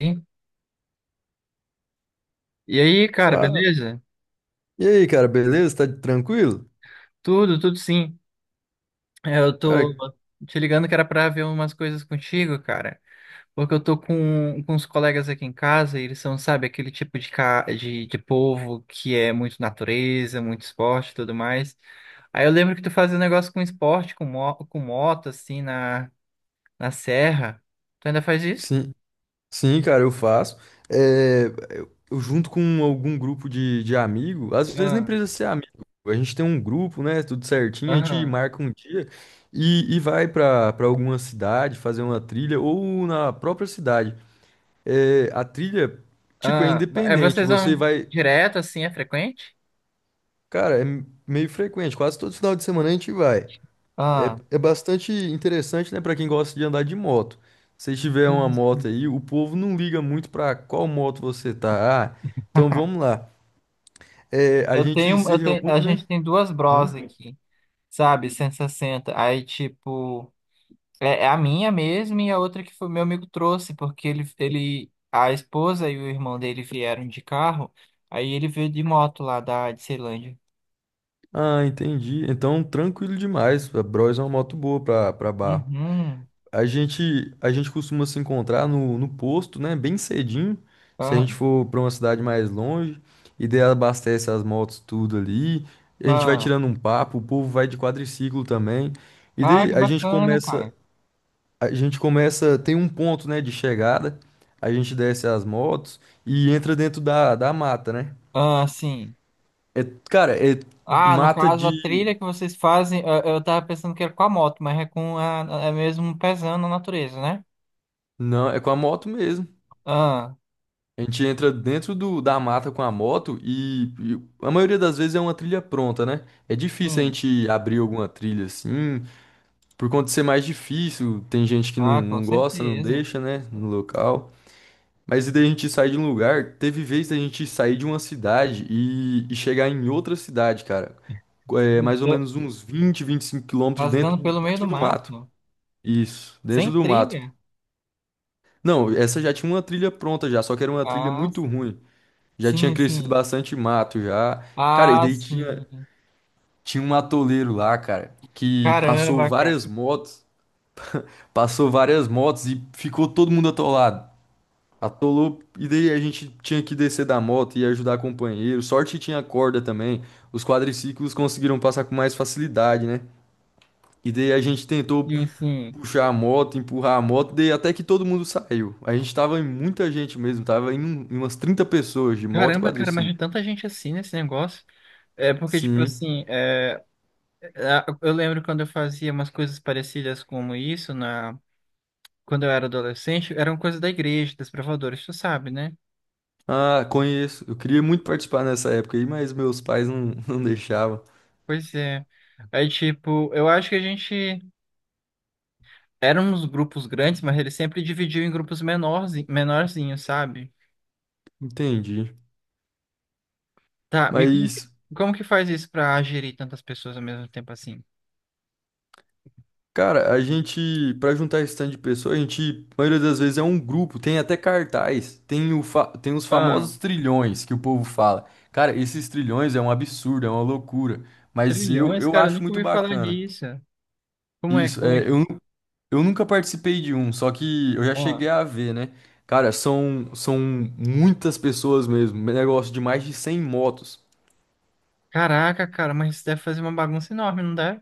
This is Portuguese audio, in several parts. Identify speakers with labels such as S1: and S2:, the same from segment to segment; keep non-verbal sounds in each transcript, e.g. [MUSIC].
S1: Sim. E aí, cara,
S2: Fa-
S1: beleza?
S2: E aí, cara, beleza? Tá tranquilo?
S1: Tudo, tudo sim. Eu tô
S2: Cara,
S1: te ligando que era pra ver umas coisas contigo, cara. Porque eu tô com uns colegas aqui em casa e eles são, sabe, aquele tipo de povo que é muito natureza, muito esporte e tudo mais. Aí eu lembro que tu fazia um negócio com esporte, com moto, assim, na, na serra. Tu ainda faz isso?
S2: sim, sim, cara, eu faço. É, eu junto com algum grupo de amigo, às vezes nem
S1: Ah,
S2: precisa ser amigo. A gente tem um grupo, né? Tudo certinho, a gente
S1: aham.
S2: marca um dia e vai pra para alguma cidade fazer uma trilha ou na própria cidade. É, a trilha, tipo, é
S1: Ah, mas, é,
S2: independente.
S1: vocês
S2: Você
S1: vão
S2: vai,
S1: direto, assim, é frequente?
S2: cara, é meio frequente. Quase todo final de semana a gente vai. É,
S1: Ah,
S2: é bastante interessante, né, para quem gosta de andar de moto. Se tiver uma moto
S1: sim.
S2: aí, o povo não liga muito para qual moto você tá. Ah, então vamos lá. É, a
S1: Eu
S2: gente
S1: tenho,
S2: se
S1: eu tenho,
S2: reúne,
S1: a gente
S2: né?
S1: tem duas bros
S2: Hã?
S1: aqui, sabe? 160. Aí, tipo, é, é a minha mesmo e a outra que foi meu amigo trouxe, porque ele, a esposa e o irmão dele vieram de carro, aí ele veio de moto lá da de Ceilândia.
S2: Ah, entendi. Então, tranquilo demais. A Bros é uma moto boa para barro.
S1: Uhum.
S2: A gente costuma se encontrar no posto, né? Bem cedinho. Se a
S1: Ah,
S2: gente for para uma cidade mais longe, e daí abastece as motos tudo ali. A gente vai
S1: ah,
S2: tirando um papo, o povo vai de quadriciclo também. E
S1: ah,
S2: daí
S1: que
S2: a gente
S1: bacana,
S2: começa,
S1: cara.
S2: a gente começa, tem um ponto, né, de chegada. A gente desce as motos e entra dentro da mata, né?
S1: Ah, sim.
S2: É, cara, é
S1: Ah, no
S2: mata
S1: caso, a
S2: de.
S1: trilha que vocês fazem, eu tava pensando que era com a moto, mas é com a, é mesmo pesando a natureza, né?
S2: Não, é com a moto mesmo.
S1: Ah,
S2: A gente entra dentro da mata com a moto e a maioria das vezes é uma trilha pronta, né? É difícil a
S1: sim.
S2: gente abrir alguma trilha assim, por conta de ser mais difícil. Tem gente que não,
S1: Ah, com
S2: não gosta, não
S1: certeza.
S2: deixa, né? No local. Mas e daí a gente sai de um lugar. Teve vez da gente sair de uma cidade e chegar em outra cidade, cara. É, mais ou
S1: É,
S2: menos uns 25 km
S1: rasgando pelo meio do
S2: dentro do mato.
S1: mato,
S2: Isso,
S1: sem
S2: dentro do mato.
S1: trilha.
S2: Não, essa já tinha uma trilha pronta já, só que era uma trilha
S1: Ah,
S2: muito
S1: sim.
S2: ruim. Já tinha
S1: Sim,
S2: crescido
S1: sim.
S2: bastante mato já. Cara, e
S1: Ah,
S2: daí tinha,
S1: sim.
S2: tinha um atoleiro lá, cara, que
S1: Caramba, cara.
S2: passou várias motos e ficou todo mundo atolado. Atolou, e daí a gente tinha que descer da moto e ajudar companheiro. Sorte que tinha corda também. Os quadriciclos conseguiram passar com mais facilidade, né? E daí a gente tentou
S1: Sim, sim.
S2: puxar a moto, empurrar a moto, daí até que todo mundo saiu. A gente tava em muita gente mesmo, tava em umas 30 pessoas de moto e
S1: Caramba, cara, mas
S2: quadriciclo.
S1: tem tanta gente assim nesse negócio. É porque, tipo
S2: Sim.
S1: assim, a- eu lembro quando eu fazia umas coisas parecidas como isso, na, quando eu era adolescente, eram coisas da igreja, das provadores, tu sabe, né?
S2: Ah, conheço. Eu queria muito participar nessa época aí, mas meus pais não, [LAUGHS] não deixavam.
S1: Pois é. Aí, tipo, eu acho que a gente. Eram uns grupos grandes, mas eles sempre dividiam em grupos menores, menorzinhos, sabe?
S2: Entendi.
S1: Tá, me conta,
S2: Mas,
S1: como que faz isso pra gerir tantas pessoas ao mesmo tempo assim?
S2: cara, a gente, pra juntar esse tanto de pessoas, a gente, a maioria das vezes é um grupo, tem até cartaz, tem os
S1: Ah,
S2: famosos trilhões que o povo fala. Cara, esses trilhões é um absurdo, é uma loucura. Mas eu,
S1: trilhões,
S2: eu
S1: cara, eu
S2: acho
S1: nunca
S2: muito
S1: ouvi falar
S2: bacana.
S1: disso.
S2: Isso,
S1: Como é
S2: é, eu,
S1: que...
S2: nu- eu nunca participei de um, só que eu já cheguei
S1: Ah,
S2: a ver, né? Cara, são muitas pessoas mesmo, negócio de mais de 100 motos.
S1: caraca, cara, mas isso deve fazer uma bagunça enorme, não deve?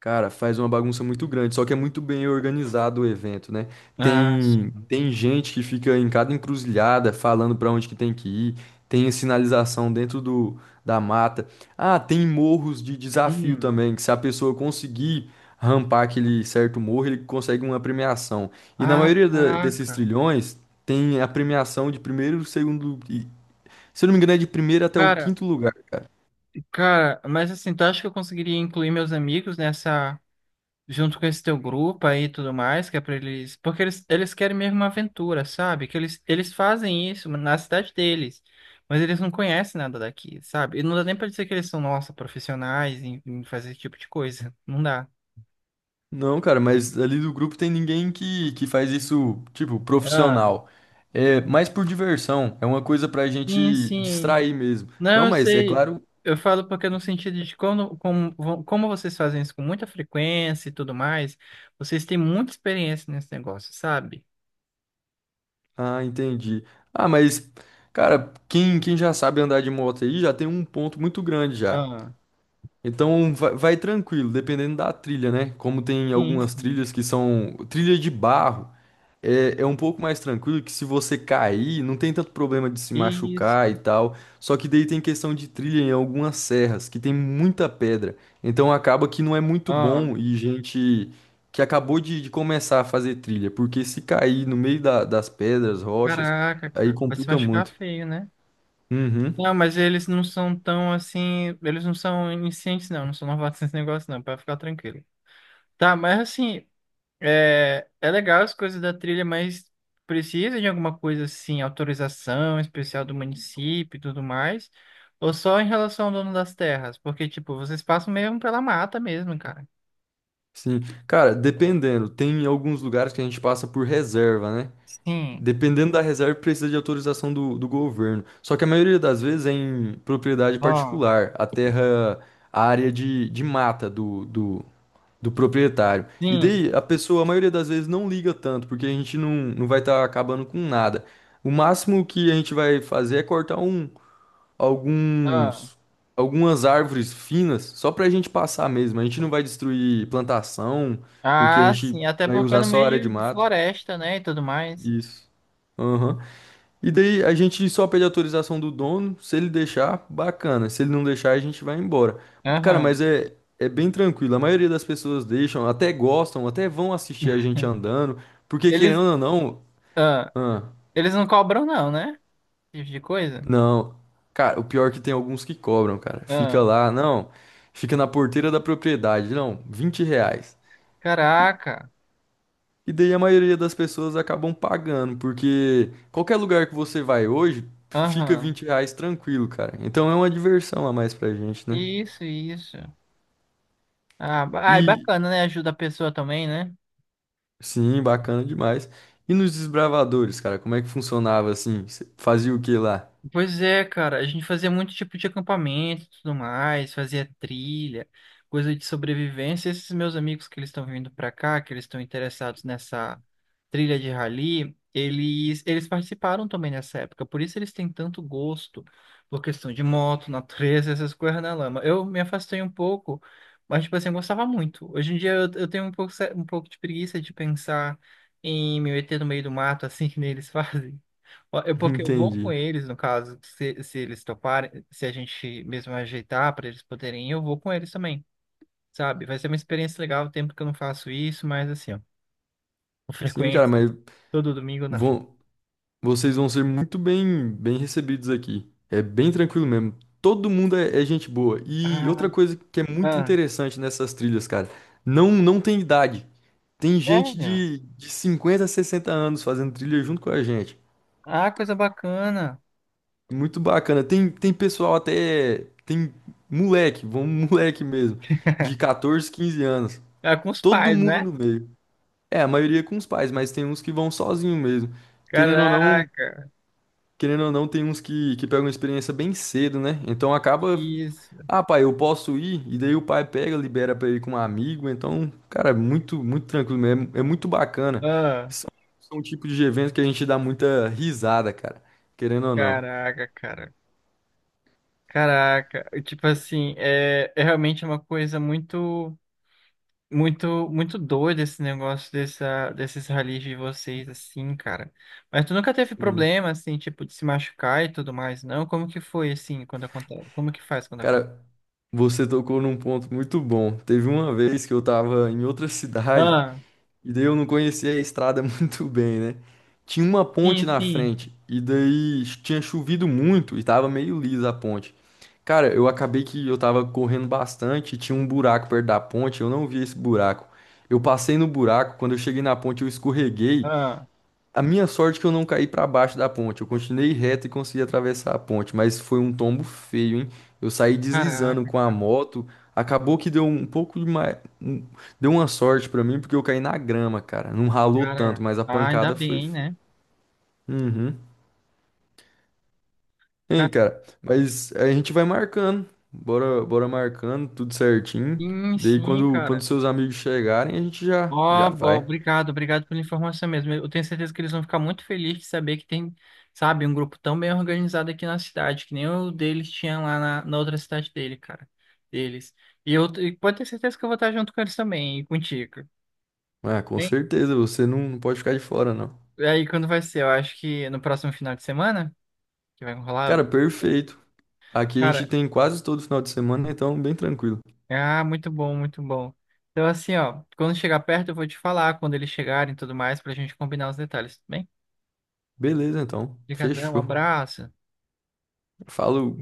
S2: Cara, faz uma bagunça muito grande, só que é muito bem organizado o evento, né?
S1: Ah,
S2: Tem,
S1: sim.
S2: tem gente que fica em cada encruzilhada falando pra onde que tem que ir, tem a sinalização dentro da mata. Ah, tem morros de desafio
S1: Hum.
S2: também, que se a pessoa conseguir rampar aquele certo morro, ele consegue uma premiação. E na
S1: Ah,
S2: maioria desses
S1: caraca.
S2: trilhões, tem a premiação de primeiro, segundo, se eu não me engano, é de primeiro até o
S1: Cara,
S2: quinto lugar.
S1: cara, mas assim, tu acha que eu conseguiria incluir meus amigos nessa junto com esse teu grupo aí e tudo mais, que é pra eles. Porque eles querem mesmo uma aventura, sabe? Que eles fazem isso na cidade deles, mas eles não conhecem nada daqui, sabe? E não dá nem pra dizer que eles são, nossa, profissionais em, em fazer esse tipo de coisa. [LAUGHS] Não dá.
S2: Não, cara, mas ali do grupo tem ninguém que faz isso, tipo,
S1: Ah,
S2: profissional. É mais por diversão, é uma coisa pra
S1: sim,
S2: gente
S1: sim.
S2: distrair mesmo.
S1: Não,
S2: Não,
S1: eu
S2: mas é
S1: sei.
S2: claro.
S1: Eu falo porque no sentido de vo- como vocês fazem isso com muita frequência e tudo mais, vocês têm muita experiência nesse negócio, sabe?
S2: Ah, entendi. Ah, mas, cara, quem já sabe andar de moto aí já tem um ponto muito grande já.
S1: Ah,
S2: Então vai tranquilo, dependendo da trilha, né? Como tem
S1: sim,
S2: algumas
S1: sim.
S2: trilhas que são trilha de barro. É um pouco mais tranquilo que se você cair, não tem tanto problema de se
S1: Isso.
S2: machucar e tal. Só que daí tem questão de trilha em algumas serras, que tem muita pedra. Então acaba que não é muito
S1: Ah.
S2: bom e gente que acabou de começar a fazer trilha, porque se cair no meio das pedras, rochas,
S1: Caraca,
S2: aí
S1: cara, vai se
S2: complica
S1: machucar
S2: muito.
S1: feio, né?
S2: Uhum,
S1: Não, mas eles não são tão assim. Eles não são iniciantes, não. Não são novatos [LAUGHS] nesse negócio, não. Pra ficar tranquilo. Tá, mas assim. É, é legal as coisas da trilha, mas precisa de alguma coisa assim, autorização especial do município e tudo mais? Ou só em relação ao dono das terras? Porque, tipo, vocês passam mesmo pela mata mesmo, cara.
S2: sim. Cara, dependendo, tem alguns lugares que a gente passa por reserva, né?
S1: Sim,
S2: Dependendo da reserva, precisa de autorização do governo. Só que a maioria das vezes é em propriedade
S1: ó,
S2: particular, a terra, a área de mata do proprietário. E
S1: sim,
S2: daí a pessoa, a maioria das vezes, não liga tanto, porque a gente não vai estar acabando com nada. O máximo que a gente vai fazer é cortar
S1: ah.
S2: alguns, algumas árvores finas, só para a gente passar mesmo. A gente não vai destruir plantação, porque a
S1: Ah,
S2: gente
S1: sim. Até
S2: vai
S1: porque é
S2: usar
S1: no
S2: só
S1: meio
S2: a área de
S1: de
S2: mato.
S1: floresta, né? E tudo mais.
S2: Isso. Aham. E daí a gente só pede autorização do dono, se ele deixar, bacana. Se ele não deixar, a gente vai embora. Cara, mas
S1: Aham.
S2: é bem tranquilo. A maioria das pessoas deixam, até gostam, até vão assistir a gente andando, porque querendo
S1: Eles,
S2: ou não,
S1: ah,
S2: ah,
S1: eles não cobram não, né? Esse tipo de coisa.
S2: não. Cara, o pior é que tem alguns que cobram, cara. Fica
S1: Ah,
S2: lá, não. Fica na porteira da propriedade, não, R$ 20.
S1: caraca.
S2: E daí a maioria das pessoas acabam pagando, porque qualquer lugar que você vai hoje, fica
S1: Aham.
S2: R$ 20 tranquilo, cara. Então é uma diversão a mais pra gente, né?
S1: Isso, isso. Ah, ba- ai,
S2: E
S1: bacana, né? Ajuda a pessoa também, né?
S2: sim, bacana demais. E nos desbravadores, cara, como é que funcionava assim? Cê fazia o que lá?
S1: Pois é, cara. A gente fazia muito tipo de acampamento e tudo mais, fazia trilha, coisa de sobrevivência. Esses meus amigos que eles estão vindo pra cá, que eles estão interessados nessa trilha de rally, eles participaram também nessa época, por isso eles têm tanto gosto por questão de moto, natureza, essas coisas na lama. Eu me afastei um pouco, mas, tipo assim, eu gostava muito. Hoje em dia eu tenho um pouco, se- um pouco de preguiça de pensar em me meter no meio do mato, assim [LAUGHS] que nem eles [LAUGHS] fazem. Ó, eu,
S2: [LAUGHS]
S1: porque eu vou com
S2: Entendi.
S1: eles, no caso, se eles toparem, se a gente mesmo ajeitar para eles poderem ir, eu vou com eles também, sabe? Vai ser uma experiência legal, o tempo que eu não faço isso, mas assim, ó, com
S2: Sim, cara,
S1: frequência,
S2: mas
S1: todo domingo não.
S2: vão, Vocês vão ser muito bem recebidos aqui. É bem tranquilo mesmo. Todo mundo é gente boa. E
S1: Ah,
S2: outra coisa que é muito
S1: ah,
S2: interessante nessas trilhas, cara, não tem idade. Tem gente
S1: sério?
S2: de 50, 60 anos fazendo trilha junto com a gente.
S1: Ah, coisa bacana.
S2: Muito bacana. Tem pessoal até. Tem moleque, vamos [LAUGHS] moleque mesmo, de 14, 15 anos.
S1: Ah, com os
S2: Todo
S1: pais,
S2: mundo
S1: né?
S2: no meio. É, a maioria com os pais, mas tem uns que vão sozinho mesmo. Querendo ou não,
S1: Caraca,
S2: querendo ou não, tem uns que pegam experiência bem cedo, né? Então acaba.
S1: isso.
S2: Ah, pai, eu posso ir, e daí o pai pega, libera pra ir com um amigo. Então, cara, é muito, muito tranquilo mesmo. É muito bacana.
S1: Ah,
S2: São, são um tipo de evento que a gente dá muita risada, cara. Querendo ou não.
S1: caraca, cara. Caraca. E, tipo assim, é, é realmente uma coisa muito, muito, muito doida esse negócio dessa, desses ralis de vocês, assim, cara. Mas tu nunca teve
S2: Sim.
S1: problema, assim, tipo, de se machucar e tudo mais, não? Como que foi, assim, quando acontece? Como que faz quando acontece?
S2: Cara, você tocou num ponto muito bom. Teve uma vez que eu tava em outra [LAUGHS] cidade.
S1: Ah,
S2: E daí eu não conhecia a estrada [LAUGHS] muito bem, né? Tinha uma
S1: sim,
S2: ponte na
S1: sim.
S2: frente, e daí tinha chovido muito e tava meio lisa a ponte. Cara, eu acabei que eu tava correndo bastante, tinha um buraco perto da ponte, eu não vi esse buraco. Eu passei no buraco, quando eu cheguei na ponte eu escorreguei.
S1: Ah,
S2: A minha sorte é que eu não caí para baixo da ponte. Eu continuei reto e consegui atravessar a ponte, mas foi um tombo feio, hein? Eu saí deslizando
S1: caraca.
S2: com a moto. Acabou que deu um pouco de mais, deu uma sorte para mim porque eu caí na grama, cara. Não ralou tanto,
S1: Cara,
S2: mas a
S1: ah, ainda
S2: pancada foi
S1: bem,
S2: feia.
S1: né?
S2: Uhum. Hein,
S1: Ca-
S2: cara? Mas a gente vai marcando. Bora, bora marcando tudo certinho.
S1: sim,
S2: Daí
S1: sim,
S2: quando
S1: cara.
S2: seus amigos chegarem, a gente
S1: Ó,
S2: já já
S1: ó,
S2: vai.
S1: obrigado, obrigado pela informação mesmo. Eu tenho certeza que eles vão ficar muito felizes de saber que tem, sabe, um grupo tão bem organizado aqui na cidade, que nem o deles tinha lá na, na outra cidade dele, cara. Deles. E eu e pode ter certeza que eu vou estar junto com eles também, e contigo.
S2: Ah, com
S1: Bem,
S2: certeza, você não pode ficar de fora, não.
S1: aí quando vai ser? Eu acho que no próximo final de semana, que vai rolar.
S2: Cara, perfeito. Aqui a gente
S1: Cara,
S2: tem quase todo final de semana, então bem tranquilo.
S1: ah, muito bom, muito bom. Então, assim, ó, quando chegar perto, eu vou te falar quando eles chegarem e tudo mais, pra gente combinar os detalhes, tudo bem?
S2: Beleza, então.
S1: Obrigadão, um
S2: Fechou.
S1: abraço.
S2: Falou.